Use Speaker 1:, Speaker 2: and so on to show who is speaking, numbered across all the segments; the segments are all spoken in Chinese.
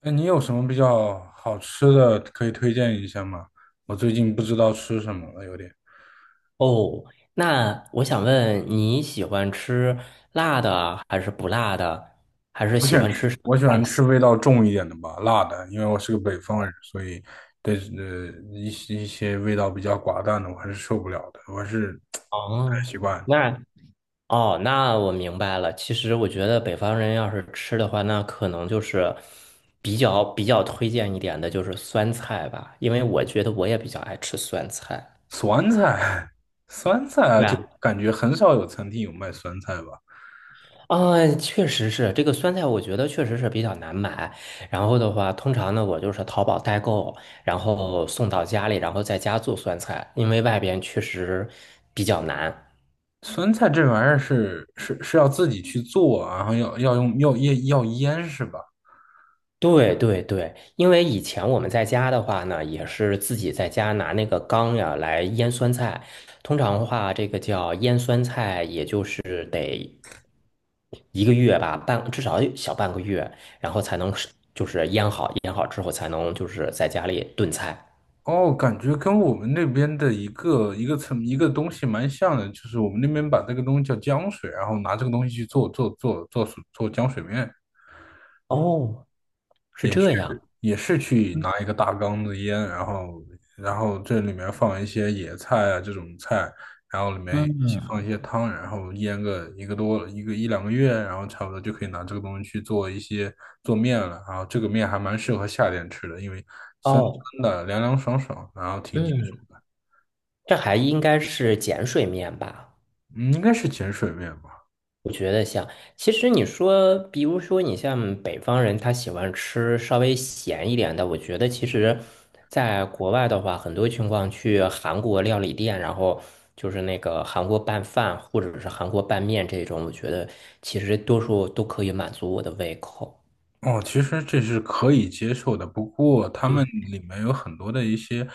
Speaker 1: 哎，你有什么比较好吃的可以推荐一下吗？我最近不知道吃什么了，有点。
Speaker 2: 哦，那我想问你喜欢吃辣的还是不辣的，还是
Speaker 1: 不喜
Speaker 2: 喜
Speaker 1: 欢
Speaker 2: 欢吃
Speaker 1: 吃，
Speaker 2: 什么
Speaker 1: 我喜
Speaker 2: 菜
Speaker 1: 欢吃
Speaker 2: 系？
Speaker 1: 味道重一点的吧，辣的，因为我是个北方人，所以对呃一些味道比较寡淡的我还是受不了的，我还是不太
Speaker 2: 哦，
Speaker 1: 习惯。
Speaker 2: 那哦,那我明白了。其实我觉得北方人要是吃的话，那可能就是比较推荐一点的就是酸菜吧，因为我觉得我也比较爱吃酸菜。
Speaker 1: 酸菜，酸菜啊，
Speaker 2: 对
Speaker 1: 就感觉很少有餐厅有卖酸菜吧。
Speaker 2: 啊，确实是这个酸菜，我觉得确实是比较难买。然后的话，通常呢，我就是淘宝代购，然后送到家里，然后在家做酸菜，因为外边确实比较难。
Speaker 1: 酸菜这玩意儿是要自己去做啊，然后要腌是吧？
Speaker 2: 对对对，因为以前我们在家的话呢，也是自己在家拿那个缸呀来腌酸菜。通常的话，这个叫腌酸菜，也就是得一个月吧，半至少小半个月，然后才能是就是腌好，腌好之后才能就是在家里炖菜。
Speaker 1: 哦，感觉跟我们那边的一个东西蛮像的，就是我们那边把这个东西叫浆水，然后拿这个东西去做浆水面，
Speaker 2: 哦，是这样。
Speaker 1: 也是去拿一个大缸子腌，然后这里面放一些野菜啊这种菜，然后里面一起
Speaker 2: 嗯，
Speaker 1: 放一些汤，然后腌个一个多一个一两个月，然后差不多就可以拿这个东西去做一些做面了。然后这个面还蛮适合夏天吃的，因为酸
Speaker 2: 哦，
Speaker 1: 酸的，凉凉爽爽，然后挺解
Speaker 2: 嗯，
Speaker 1: 暑。
Speaker 2: 这还应该是碱水面吧？
Speaker 1: 嗯，应该是碱水面吧。
Speaker 2: 我觉得像，其实你说，比如说你像北方人，他喜欢吃稍微咸一点的。我觉得其实，在国外的话，很多情况去韩国料理店，然后就是那个韩国拌饭或者是韩国拌面这种，我觉得其实多数都可以满足我的胃口。
Speaker 1: 哦，其实这是可以接受的，不过他
Speaker 2: 对，
Speaker 1: 们里面有很多的一些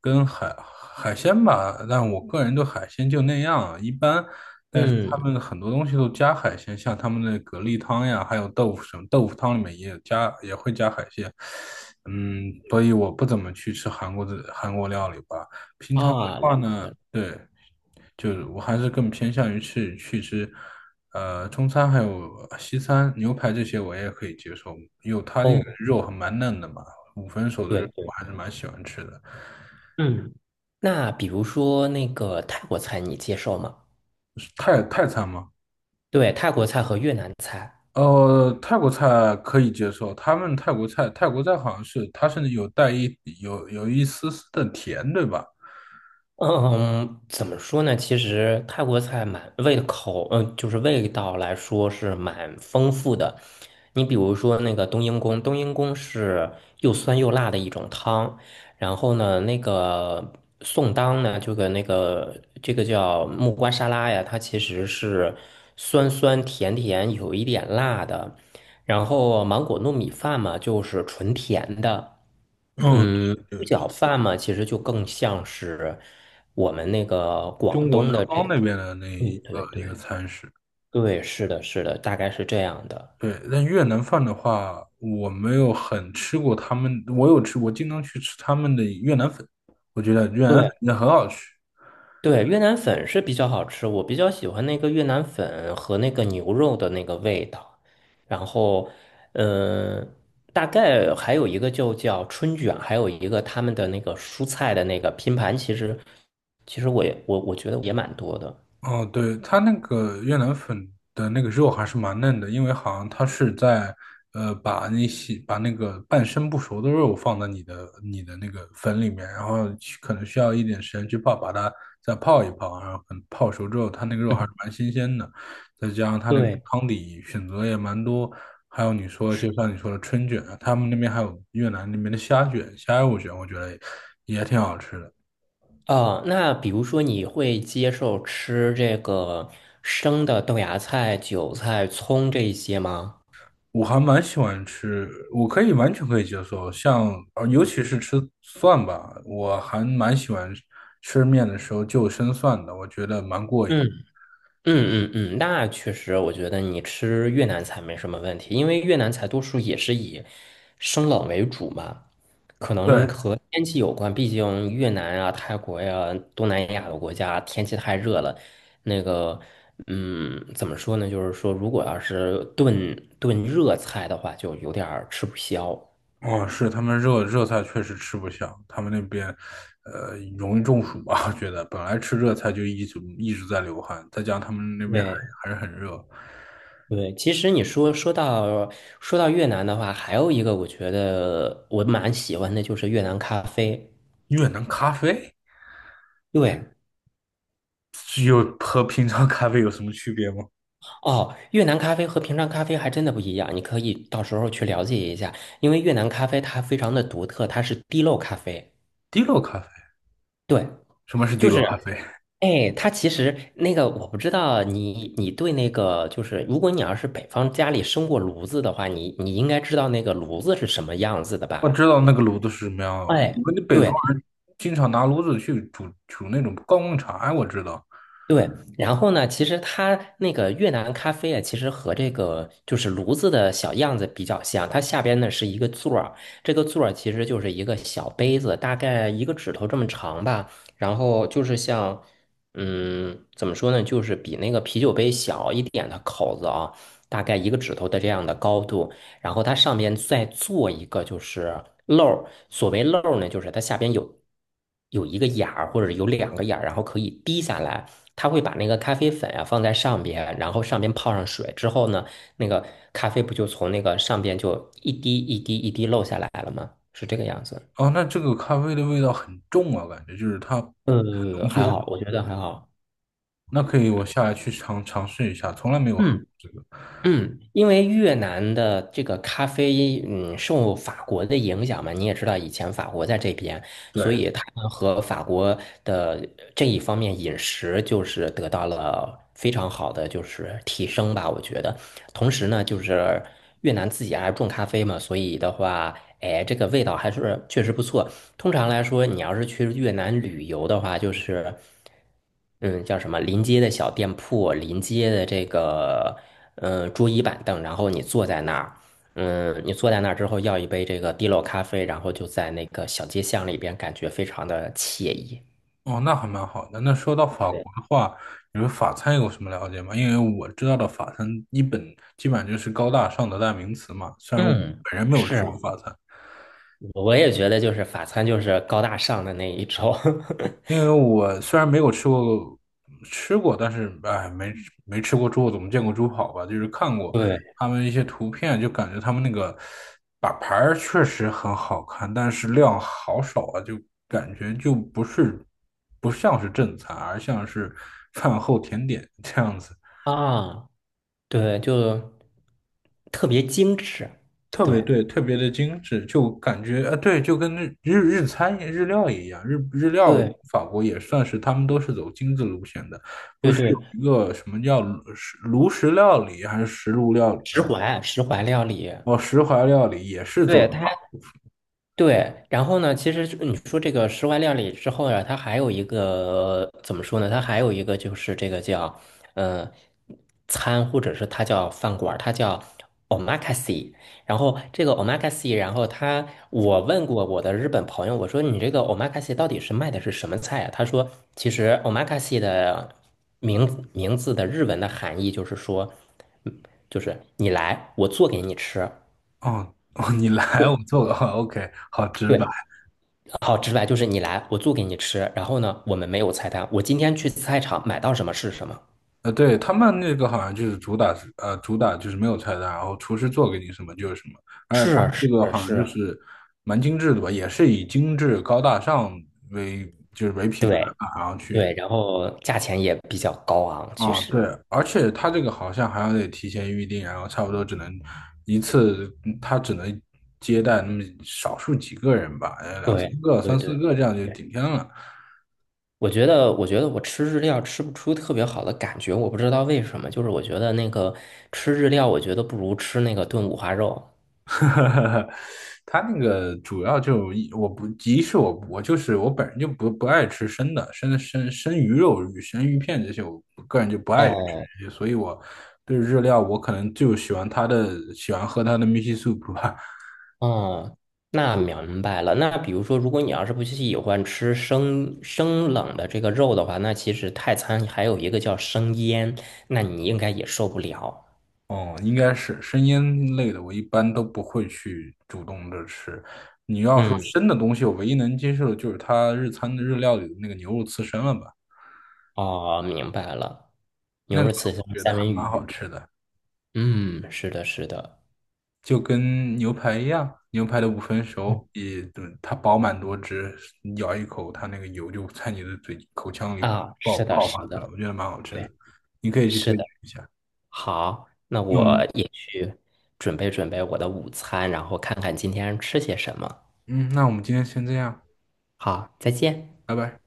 Speaker 1: 跟海鲜吧，但我个人对海鲜就那样，一般。但是他
Speaker 2: 嗯，
Speaker 1: 们很多东西都加海鲜，像他们的蛤蜊汤呀，还有豆腐什么，豆腐汤里面也有加，也会加海鲜。嗯，所以我不怎么去吃韩国料理吧。平常的
Speaker 2: 啊，了
Speaker 1: 话
Speaker 2: 解
Speaker 1: 呢，
Speaker 2: 了。
Speaker 1: 对。就是我还是更偏向于去吃，中餐，还有西餐，牛排这些我也可以接受，因为它那个
Speaker 2: 哦，
Speaker 1: 肉还蛮嫩的嘛，五分熟的肉
Speaker 2: 对
Speaker 1: 我
Speaker 2: 对，
Speaker 1: 还是蛮喜欢吃的。
Speaker 2: 嗯，那比如说那个泰国菜，你接受吗？
Speaker 1: 是泰餐吗？
Speaker 2: 对，泰国菜和越南菜。
Speaker 1: 呃，泰国菜可以接受，他们泰国菜好像是它至有带一有有一丝丝的甜，对吧？
Speaker 2: 嗯，怎么说呢？其实泰国菜蛮味口，嗯，就是味道来说是蛮丰富的。你比如说那个冬阴功，冬阴功是又酸又辣的一种汤。然后呢，那个宋当呢，就跟那个这个叫木瓜沙拉呀，它其实是酸酸甜甜，有一点辣的。然后芒果糯米饭嘛，就是纯甜的。
Speaker 1: 哦，对
Speaker 2: 嗯，猪
Speaker 1: 对，
Speaker 2: 脚饭嘛，其实就更像是我们那个广
Speaker 1: 中国南
Speaker 2: 东的这
Speaker 1: 方那
Speaker 2: 个，
Speaker 1: 边的那
Speaker 2: 对
Speaker 1: 一
Speaker 2: 对
Speaker 1: 个一个
Speaker 2: 对
Speaker 1: 餐食。
Speaker 2: 对，是的，是的，大概是这样的。
Speaker 1: 对，但越南饭的话，我没有很吃过他们，我经常去吃他们的越南粉，我觉得越南粉
Speaker 2: 对
Speaker 1: 真的很好吃。
Speaker 2: 对，越南粉是比较好吃，我比较喜欢那个越南粉和那个牛肉的那个味道。然后，嗯，大概还有一个就叫春卷，还有一个他们的那个蔬菜的那个拼盘，其实其实我觉得也蛮多的。
Speaker 1: 哦，对，它那个越南粉的那个肉还是蛮嫩的，因为好像它是在把那些把那个半生不熟的肉放在你的那个粉里面，然后去可能需要一点时间去泡，把它再泡一泡，然后可能泡熟之后，它那个肉还是
Speaker 2: 嗯，
Speaker 1: 蛮新鲜的，再加上它那个
Speaker 2: 对，
Speaker 1: 汤底选择也蛮多。还有你说，就像你说的春卷啊，他们那边还有越南那边的虾卷、虾肉卷，我觉得也挺好吃的。
Speaker 2: 哦，那比如说你会接受吃这个生的豆芽菜、韭菜、葱这一些吗？
Speaker 1: 我还蛮喜欢吃，我可以完全可以接受。像尤其是吃蒜吧，我还蛮喜欢吃面的时候就生蒜的，我觉得蛮过瘾。
Speaker 2: 嗯嗯，那确实，我觉得你吃越南菜没什么问题，因为越南菜多数也是以生冷为主嘛，可能
Speaker 1: 对。
Speaker 2: 和天气有关，毕竟越南啊、泰国呀、东南亚的国家天气太热了，那个。嗯，怎么说呢？就是说，如果要是炖热菜的话，就有点儿吃不消。
Speaker 1: 哦，是他们热菜确实吃不下，他们那边容易中暑吧。我觉得本来吃热菜就一直在流汗，再加上他们那边
Speaker 2: 对，
Speaker 1: 还是很热。
Speaker 2: 对，其实你说说到越南的话，还有一个我觉得我蛮喜欢的就是越南咖啡。
Speaker 1: 越南咖啡
Speaker 2: 对，
Speaker 1: 有和平常咖啡有什么区别吗？
Speaker 2: 哦，越南咖啡和平常咖啡还真的不一样，你可以到时候去了解一下，因为越南咖啡它非常的独特，它是滴漏咖啡。
Speaker 1: 滴落咖啡，
Speaker 2: 对，
Speaker 1: 什么是滴
Speaker 2: 就是，
Speaker 1: 落咖啡？
Speaker 2: 哎，它其实那个我不知道你对那个就是，如果你要是北方家里生过炉子的话，你应该知道那个炉子是什么样子的吧？
Speaker 1: 我知道那个炉子是什么样的，
Speaker 2: 哎。
Speaker 1: 我们北方
Speaker 2: 对，
Speaker 1: 人经常拿炉子去煮那种高粱茶呀，我知道。
Speaker 2: 对，然后呢，其实它那个越南咖啡啊，其实和这个就是炉子的小样子比较像。它下边呢是一个座儿，这个座儿其实就是一个小杯子，大概一个指头这么长吧。然后就是像，嗯，怎么说呢，就是比那个啤酒杯小一点的口子啊，大概一个指头的这样的高度。然后它上面再做一个就是漏儿，所谓漏儿呢，就是它下边有一个眼儿或者有两个眼儿，然后可以滴下来。它会把那个咖啡粉啊放在上边，然后上边泡上水之后呢，那个咖啡不就从那个上边就一滴一滴一滴漏下来了吗？是这个样子。
Speaker 1: 哦，那这个咖啡的味道很重啊，感觉就是它很
Speaker 2: 呃，
Speaker 1: 浓
Speaker 2: 还
Speaker 1: 缩。
Speaker 2: 好，我觉得还好。
Speaker 1: 那可以，我下来去尝试一下，从来没有喝过
Speaker 2: 嗯
Speaker 1: 这个。
Speaker 2: 嗯，因为越南的这个咖啡，嗯，受法国的影响嘛，你也知道，以前法国在这边。所
Speaker 1: 对。
Speaker 2: 以他们和法国的这一方面饮食就是得到了非常好的就是提升吧，我觉得。同时呢，就是越南自己还种咖啡嘛，所以的话，哎，这个味道还是确实不错。通常来说，你要是去越南旅游的话，就是，嗯，叫什么临街的小店铺，临街的这个，嗯，桌椅板凳，然后你坐在那儿。嗯，你坐在那儿之后，要一杯这个滴漏咖啡，然后就在那个小街巷里边，感觉非常的惬意。
Speaker 1: 哦，那还蛮好的。那说到法国
Speaker 2: 对，
Speaker 1: 的话，你们法餐有什么了解吗？因为我知道的法餐基本上就是高大上的代名词嘛，虽然我
Speaker 2: 嗯，
Speaker 1: 本人没有吃
Speaker 2: 是，
Speaker 1: 过法餐。
Speaker 2: 我也觉得就是法餐就是高大上的那一种。
Speaker 1: 因为 我虽然没有吃过吃过，但是哎，没吃过猪，怎么见过猪跑吧，就是看过
Speaker 2: 对
Speaker 1: 他们一些图片，就感觉他们那个把牌儿确实很好看，但是量好少啊，就感觉就不是不像是正餐，而像是饭后甜点这样子。
Speaker 2: 啊，对，就特别精致。
Speaker 1: 特别
Speaker 2: 对
Speaker 1: 对，特别的精致，就感觉啊，对，就跟日日料一样。日日料
Speaker 2: 对
Speaker 1: 法国也算是，他们都是走精致路线的，不
Speaker 2: 对
Speaker 1: 是
Speaker 2: 对，
Speaker 1: 有一个什么叫炉石料理，还是石炉料理来
Speaker 2: 石
Speaker 1: 着？
Speaker 2: 怀石怀料理，
Speaker 1: 哦，石怀料理也是做
Speaker 2: 对，
Speaker 1: 的
Speaker 2: 它
Speaker 1: 法。
Speaker 2: 对，然后呢，其实就你说这个室外料理之后呀，它还有一个怎么说呢？它还有一个就是这个叫呃餐，或者是它叫饭馆儿它叫 omakase。然后这个 omakase,然后他我问过我的日本朋友，我说你这个 omakase 到底是卖的是什么菜啊？他说其实 omakase 的名字的日文的含义就是说，嗯就是你来，我做给你吃。
Speaker 1: 哦哦，你来我做个 OK，好直白。
Speaker 2: 对，好直白，就是你来，我做给你吃。然后呢，我们没有菜单，我今天去菜场买到什么是什么。
Speaker 1: 呃，对，他们那个好像就是主打就是没有菜单，然后厨师做给你什么就是什么，而且他
Speaker 2: 是
Speaker 1: 们这个
Speaker 2: 是
Speaker 1: 好像就
Speaker 2: 是，
Speaker 1: 是蛮精致的吧，也是以精致高大上为就是为品牌
Speaker 2: 对
Speaker 1: 吧，然后去
Speaker 2: 对，然后价钱也比较高昂，确
Speaker 1: 啊。
Speaker 2: 实。
Speaker 1: 对，而且他这个好像还要得提前预定，然后差不多只能一次，嗯他只能接待那么少数几个人吧，呃，两三
Speaker 2: 对
Speaker 1: 个、
Speaker 2: 对
Speaker 1: 三
Speaker 2: 对，
Speaker 1: 四个这样就
Speaker 2: 是
Speaker 1: 顶天了。
Speaker 2: 我觉得我吃日料吃不出特别好的感觉，我不知道为什么，就是我觉得那个吃日料，我觉得不如吃那个炖五花肉。
Speaker 1: 它那个主要就一我不一是我我就是我本人就不爱吃生的，生鱼片这些，我个人就不爱
Speaker 2: 哦
Speaker 1: 吃，所以我对日料我可能就喜欢喜欢喝它的 miso s u p 吧。
Speaker 2: 哦，那明白了。那比如说，如果你要是不喜欢吃生冷的这个肉的话，那其实泰餐还有一个叫生腌，那你应该也受不了。
Speaker 1: 哦，应该是生腌类的，我一般都不会去主动的吃。你要说
Speaker 2: 嗯，
Speaker 1: 生的东西，我唯一能接受的就是它日餐的日料里的那个牛肉刺身了吧，
Speaker 2: 哦，明白了。
Speaker 1: 那
Speaker 2: 牛
Speaker 1: 个
Speaker 2: 肉刺身、
Speaker 1: 我觉得
Speaker 2: 三
Speaker 1: 还
Speaker 2: 文
Speaker 1: 蛮好
Speaker 2: 鱼。
Speaker 1: 吃的。
Speaker 2: 嗯，是的，是的。
Speaker 1: 就跟牛排一样，牛排的五分
Speaker 2: 嗯，
Speaker 1: 熟也，嗯它饱满多汁，咬一口，它那个油就在你的口腔里
Speaker 2: 啊，是的，
Speaker 1: 爆
Speaker 2: 是
Speaker 1: 发出
Speaker 2: 的，
Speaker 1: 来，我觉得蛮好吃的，
Speaker 2: 对，
Speaker 1: 你可以去
Speaker 2: 是
Speaker 1: 推荐
Speaker 2: 的。
Speaker 1: 一下。
Speaker 2: 好，那
Speaker 1: 那我
Speaker 2: 我
Speaker 1: 们，
Speaker 2: 也去准备我的午餐，然后看看今天吃些什么。
Speaker 1: 嗯，那我们今天先这样，
Speaker 2: 好，再见。
Speaker 1: 拜拜。